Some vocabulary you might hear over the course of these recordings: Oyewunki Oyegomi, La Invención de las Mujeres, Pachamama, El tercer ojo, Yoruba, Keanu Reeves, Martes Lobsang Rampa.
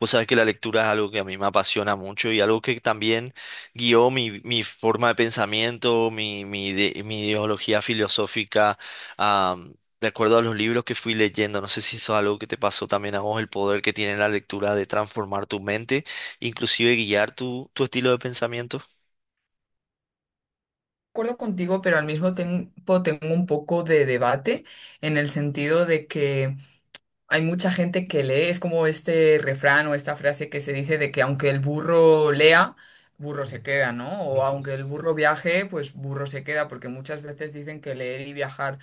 Vos sabés que la lectura es algo que a mí me apasiona mucho y algo que también guió mi forma de pensamiento, mi mi ideología filosófica, am, de acuerdo a los libros que fui leyendo. No sé si eso es algo que te pasó también a vos, el poder que tiene la lectura de transformar tu mente, inclusive guiar tu estilo de pensamiento. Acuerdo contigo, pero al mismo tiempo tengo un poco de debate en el sentido de que hay mucha gente que lee. Es como este refrán o esta frase que se dice de que aunque el burro lea, burro se queda, ¿no? O aunque el burro viaje, pues burro se queda, porque muchas veces dicen que leer y viajar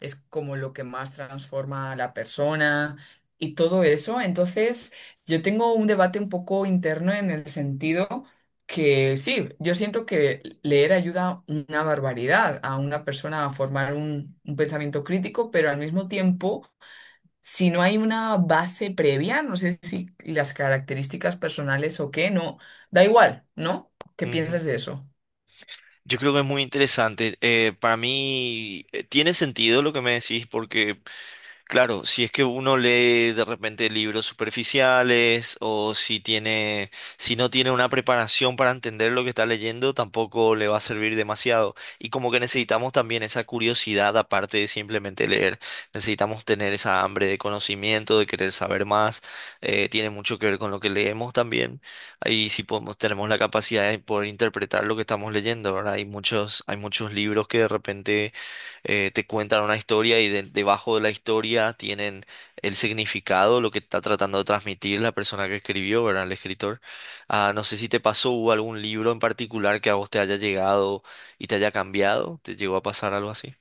es como lo que más transforma a la persona y todo eso. Entonces, yo tengo un debate un poco interno en el sentido que sí, yo siento que leer ayuda una barbaridad a una persona a formar un pensamiento crítico, pero al mismo tiempo, si no hay una base previa, no sé si las características personales o qué, no, da igual, ¿no? ¿Qué Ujú. piensas de eso? Yo creo que es muy interesante. Para mí tiene sentido lo que me decís porque claro, si es que uno lee de repente libros superficiales o si tiene, si no tiene una preparación para entender lo que está leyendo, tampoco le va a servir demasiado. Y como que necesitamos también esa curiosidad aparte de simplemente leer. Necesitamos tener esa hambre de conocimiento, de querer saber más. Tiene mucho que ver con lo que leemos también. Tenemos la capacidad de poder interpretar lo que estamos leyendo, ¿verdad? Hay muchos libros que de repente te cuentan una historia y debajo de la historia tienen el significado, lo que está tratando de transmitir la persona que escribió, ¿verdad? El escritor. No sé si te pasó, hubo algún libro en particular que a vos te haya llegado y te haya cambiado, ¿te llegó a pasar algo así?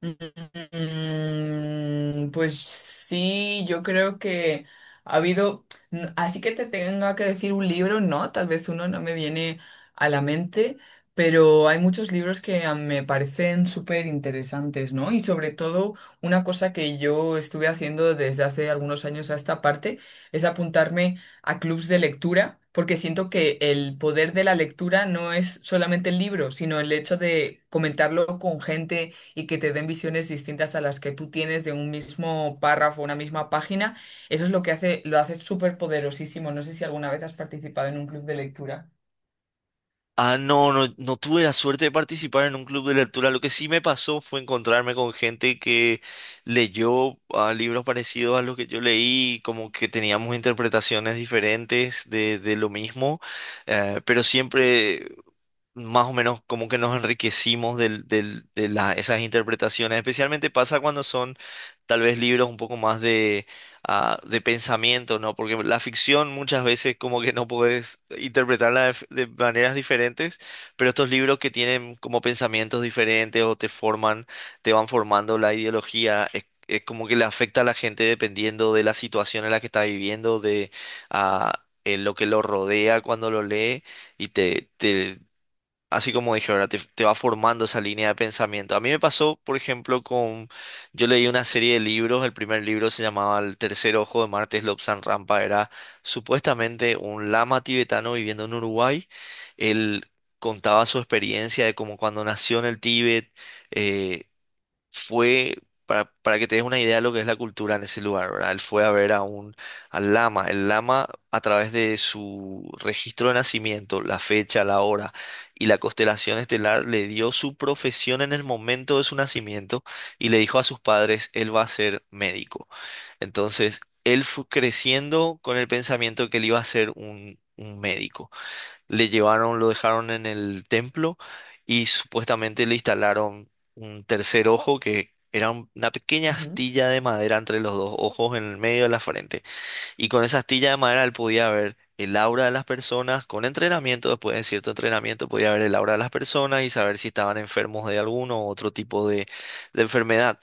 Mm, pues sí, yo creo que ha habido, así que te tenga que decir un libro, no, tal vez uno no me viene a la mente, pero hay muchos libros que me parecen súper interesantes, ¿no? Y sobre todo una cosa que yo estuve haciendo desde hace algunos años a esta parte es apuntarme a clubs de lectura, porque siento que el poder de la lectura no es solamente el libro, sino el hecho de comentarlo con gente y que te den visiones distintas a las que tú tienes de un mismo párrafo, una misma página. Eso es lo que hace, lo hace súper poderosísimo. No sé si alguna vez has participado en un club de lectura. No tuve la suerte de participar en un club de lectura. Lo que sí me pasó fue encontrarme con gente que leyó libros parecidos a los que yo leí, como que teníamos interpretaciones diferentes de lo mismo, pero siempre más o menos como que nos enriquecimos de esas interpretaciones. Especialmente pasa cuando son tal vez libros un poco más de pensamiento, ¿no? Porque la ficción muchas veces como que no puedes interpretarla de maneras diferentes, pero estos libros que tienen como pensamientos diferentes o te forman, te van formando la ideología. Es como que le afecta a la gente dependiendo de la situación en la que está viviendo, de lo que lo rodea cuando lo lee y te así como dije, ahora te va formando esa línea de pensamiento. A mí me pasó, por ejemplo, con... Yo leí una serie de libros, el primer libro se llamaba El Tercer Ojo, de Martes Lobsang Rampa, era supuestamente un lama tibetano viviendo en Uruguay. Él contaba su experiencia de cómo cuando nació en el Tíbet, eh, fue, para que te des una idea de lo que es la cultura en ese lugar, ¿verdad? Él fue a ver a un, al lama. El lama, a través de su registro de nacimiento, la fecha, la hora y la constelación estelar, le dio su profesión en el momento de su nacimiento y le dijo a sus padres, él va a ser médico. Entonces, él fue creciendo con el pensamiento que él iba a ser un médico. Le llevaron, lo dejaron en el templo y supuestamente le instalaron un tercer ojo que era una pequeña astilla de madera entre los dos ojos en el medio de la frente. Y con esa astilla de madera él podía ver el aura de las personas, con entrenamiento, después de cierto entrenamiento podía ver el aura de las personas y saber si estaban enfermos de alguno u otro tipo de enfermedad.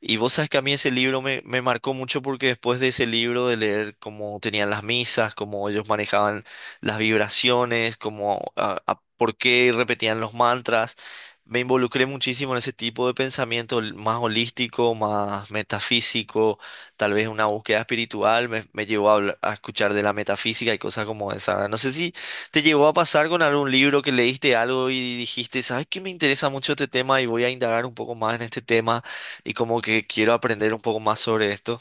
Y vos sabes que a mí ese libro me marcó mucho porque después de ese libro, de leer cómo tenían las misas, cómo ellos manejaban las vibraciones, por qué repetían los mantras, me involucré muchísimo en ese tipo de pensamiento más holístico, más metafísico, tal vez una búsqueda espiritual, me llevó a escuchar de la metafísica y cosas como esa. No sé si te llegó a pasar con algún libro que leíste algo y dijiste, ¿sabes qué? Me interesa mucho este tema y voy a indagar un poco más en este tema y como que quiero aprender un poco más sobre esto.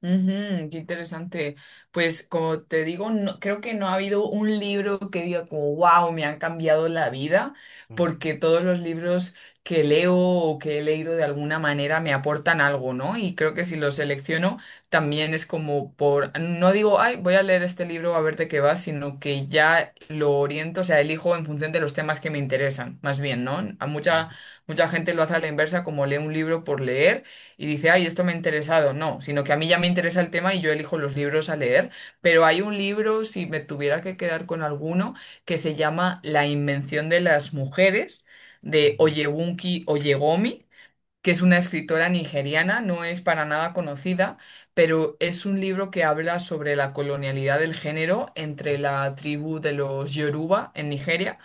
Ujú, qué interesante. Pues como te digo, no, creo que no ha habido un libro que diga como, wow, me han cambiado la vida, Ujú, porque todos los libros que leo o que he leído de alguna manera me aportan algo, ¿no? Y creo que si los selecciono también es como por, no digo, ay, voy a leer este libro a ver de qué va, sino que ya lo oriento. O sea, elijo en función de los temas que me interesan, más bien, ¿no? A ujú, mucha gente lo hace a la inversa, como lee un libro por leer y dice, ay, esto me ha interesado. No, sino que a mí ya me interesa el tema y yo elijo los libros a leer. Pero hay un libro, si me tuviera que quedar con alguno, que se llama La Invención de las Mujeres, de ujú, Oyewunki Oyegomi, que es una escritora nigeriana, no es para nada conocida, pero es un libro que habla sobre la colonialidad del género entre la tribu de los Yoruba en Nigeria.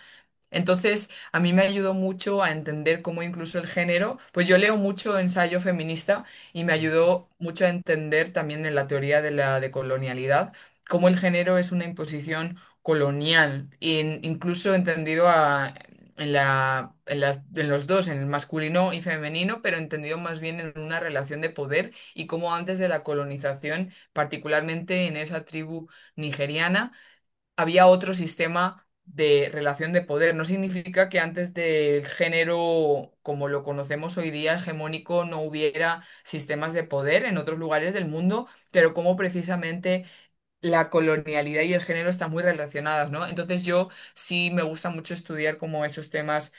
Entonces, a mí me ayudó mucho a entender cómo incluso el género, pues yo leo mucho ensayo feminista y me ujú. ayudó mucho a entender también en la teoría de la decolonialidad cómo el género es una imposición colonial, e incluso entendido en la, en los dos, en el masculino y femenino, pero entendido más bien en una relación de poder y cómo antes de la colonización, particularmente en esa tribu nigeriana, había otro sistema de relación de poder. No significa que antes del género como lo conocemos hoy día, hegemónico, no hubiera sistemas de poder en otros lugares del mundo, pero como precisamente la colonialidad y el género están muy relacionadas, ¿no? Entonces yo sí me gusta mucho estudiar como esos temas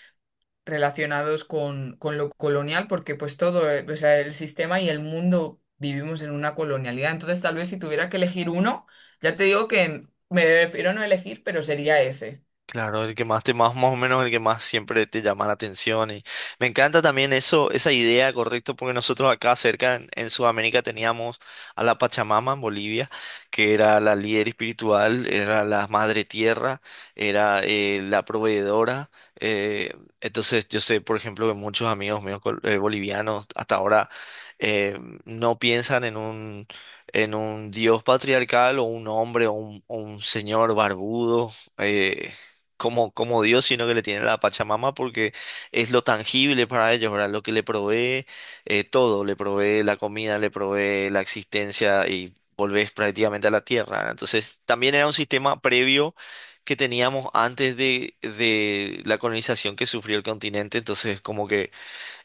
relacionados con lo colonial, porque pues todo, o sea, el sistema y el mundo vivimos en una colonialidad. Entonces, tal vez si tuviera que elegir uno, ya te digo que me prefiero no elegir, pero sería ese. Claro, el que más te más, más o menos el que más siempre te llama la atención. Y me encanta también eso, esa idea, correcto, porque nosotros acá cerca en Sudamérica teníamos a la Pachamama en Bolivia, que era la líder espiritual, era la madre tierra, era la proveedora. eh, entonces yo sé, por ejemplo, que muchos amigos míos bolivianos hasta ahora eh, no piensan en un dios patriarcal o un hombre o un señor barbudo, eh, como, como Dios, sino que le tienen a la Pachamama porque es lo tangible para ellos, ¿verdad? Lo que le provee todo, le provee la comida, le provee la existencia y volvés prácticamente a la tierra, ¿verdad? Entonces, también era un sistema previo que teníamos antes de la colonización que sufrió el continente, entonces como que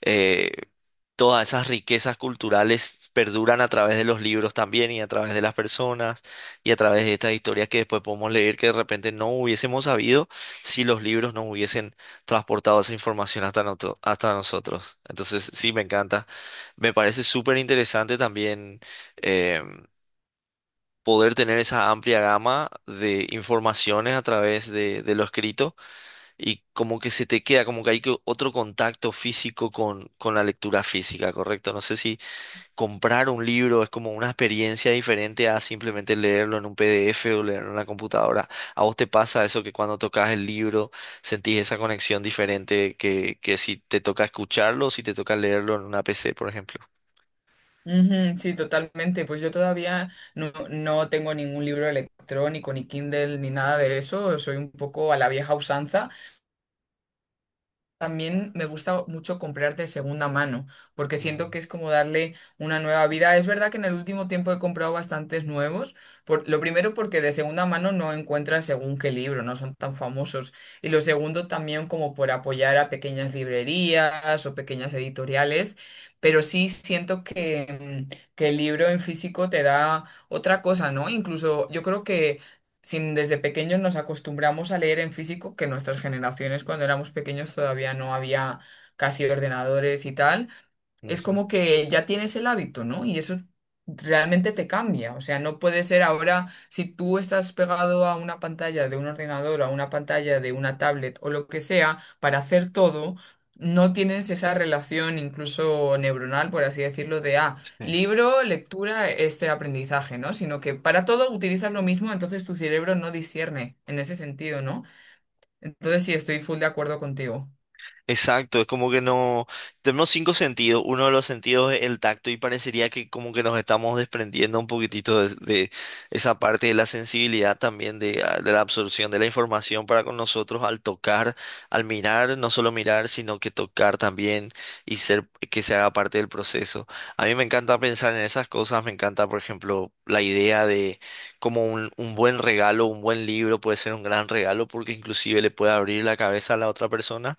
eh, todas esas riquezas culturales perduran a través de los libros también y a través de las personas y a través de estas historias que después podemos leer, que de repente no hubiésemos sabido si los libros no hubiesen transportado esa información hasta nosotros. Entonces, sí, me encanta. Me parece súper interesante también eh, poder tener esa amplia gama de informaciones a través de lo escrito y como que se te queda, como que hay que otro contacto físico con la lectura física, ¿correcto? No sé si comprar un libro es como una experiencia diferente a simplemente leerlo en un PDF o leerlo en una computadora. ¿A vos te pasa eso que cuando tocas el libro sentís esa conexión diferente que si te toca escucharlo o si te toca leerlo en una PC, por ejemplo? Ujú, sí, totalmente. Pues yo todavía no, no tengo ningún libro electrónico, ni Kindle, ni nada de eso. Soy un poco a la vieja usanza. También me gusta mucho comprar de segunda mano, porque siento Ujú, que es como darle una nueva vida. Es verdad que en el último tiempo he comprado bastantes nuevos, por, lo primero porque de segunda mano no encuentras según qué libro, no son tan famosos. Y lo segundo también como por apoyar a pequeñas librerías o pequeñas editoriales, pero sí siento que, que el libro en físico te da otra cosa, ¿no? Incluso yo creo que sin, desde pequeños nos acostumbramos a leer en físico, que nuestras generaciones cuando éramos pequeños todavía no había casi ordenadores y tal, es ujú. como que ya tienes el hábito, ¿no? Y eso realmente te cambia. O sea, no puede ser ahora, si tú estás pegado a una pantalla de un ordenador, a una pantalla de una tablet o lo que sea, para hacer todo, no tienes esa relación incluso neuronal, por así decirlo, de, Sí. libro, lectura, este aprendizaje, ¿no? Sino que para todo utilizas lo mismo, entonces tu cerebro no discierne en ese sentido, ¿no? Entonces sí, estoy full de acuerdo contigo. Exacto, es como que no, tenemos cinco sentidos, uno de los sentidos es el tacto y parecería que como que nos estamos desprendiendo un poquitito de esa parte de la sensibilidad también de la absorción de la información para con nosotros al tocar, al mirar, no solo mirar, sino que tocar también y ser que se haga parte del proceso. A mí me encanta pensar en esas cosas, me encanta, por ejemplo, la idea de como un buen regalo, un buen libro puede ser un gran regalo porque inclusive le puede abrir la cabeza a la otra persona.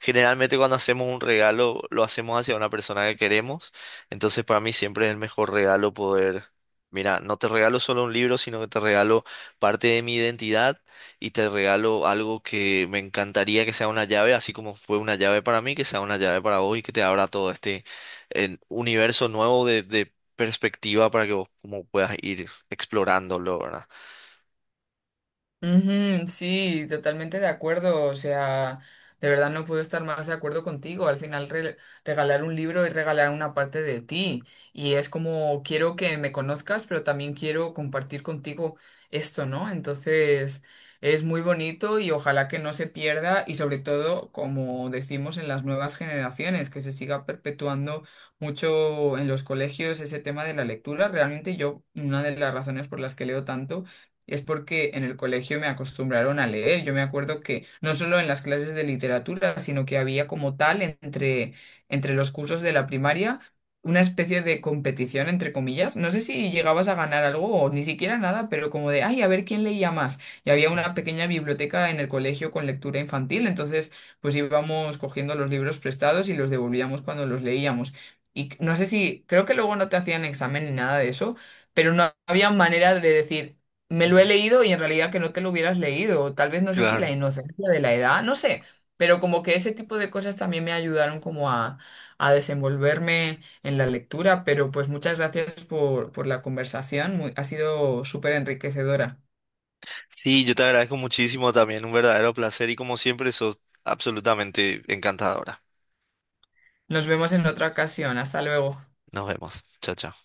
Generalmente cuando hacemos un regalo lo hacemos hacia una persona que queremos, entonces para mí siempre es el mejor regalo poder, mira, no te regalo solo un libro, sino que te regalo parte de mi identidad y te regalo algo que me encantaría que sea una llave, así como fue una llave para mí, que sea una llave para vos y que te abra todo este universo nuevo de perspectiva para que vos como puedas ir explorándolo, ¿verdad? Ujú, sí, totalmente de acuerdo. O sea, de verdad no puedo estar más de acuerdo contigo. Al final, regalar un libro es regalar una parte de ti. Y es como quiero que me conozcas, pero también quiero compartir contigo esto, ¿no? Entonces, es muy bonito y ojalá que no se pierda y sobre todo, como decimos en las nuevas generaciones, que se siga perpetuando mucho en los colegios ese tema de la lectura. Realmente yo, una de las razones por las que leo tanto es porque en el colegio me acostumbraron a leer. Yo me acuerdo que no solo en las clases de literatura, sino que había como tal entre los cursos de la primaria una especie de competición, entre comillas. No sé si llegabas a ganar algo o ni siquiera nada, pero como de, ay, a ver quién leía más. Y había Ujú. una pequeña biblioteca en el colegio con lectura infantil, entonces pues íbamos cogiendo los libros prestados y los devolvíamos cuando los leíamos. Y no sé si, creo que luego no te hacían examen ni nada de eso, pero no había manera de decir, me lo he leído y en realidad que no te lo hubieras leído, o tal vez no sé si la Claro. inocencia de la edad, no sé, pero como que ese tipo de cosas también me ayudaron como a desenvolverme en la lectura, pero pues muchas gracias por la conversación, ha sido súper enriquecedora. Sí, yo te agradezco muchísimo también, un verdadero placer y como siempre sos absolutamente encantadora. Nos vemos en otra ocasión, hasta luego. Nos vemos. Chao, chao.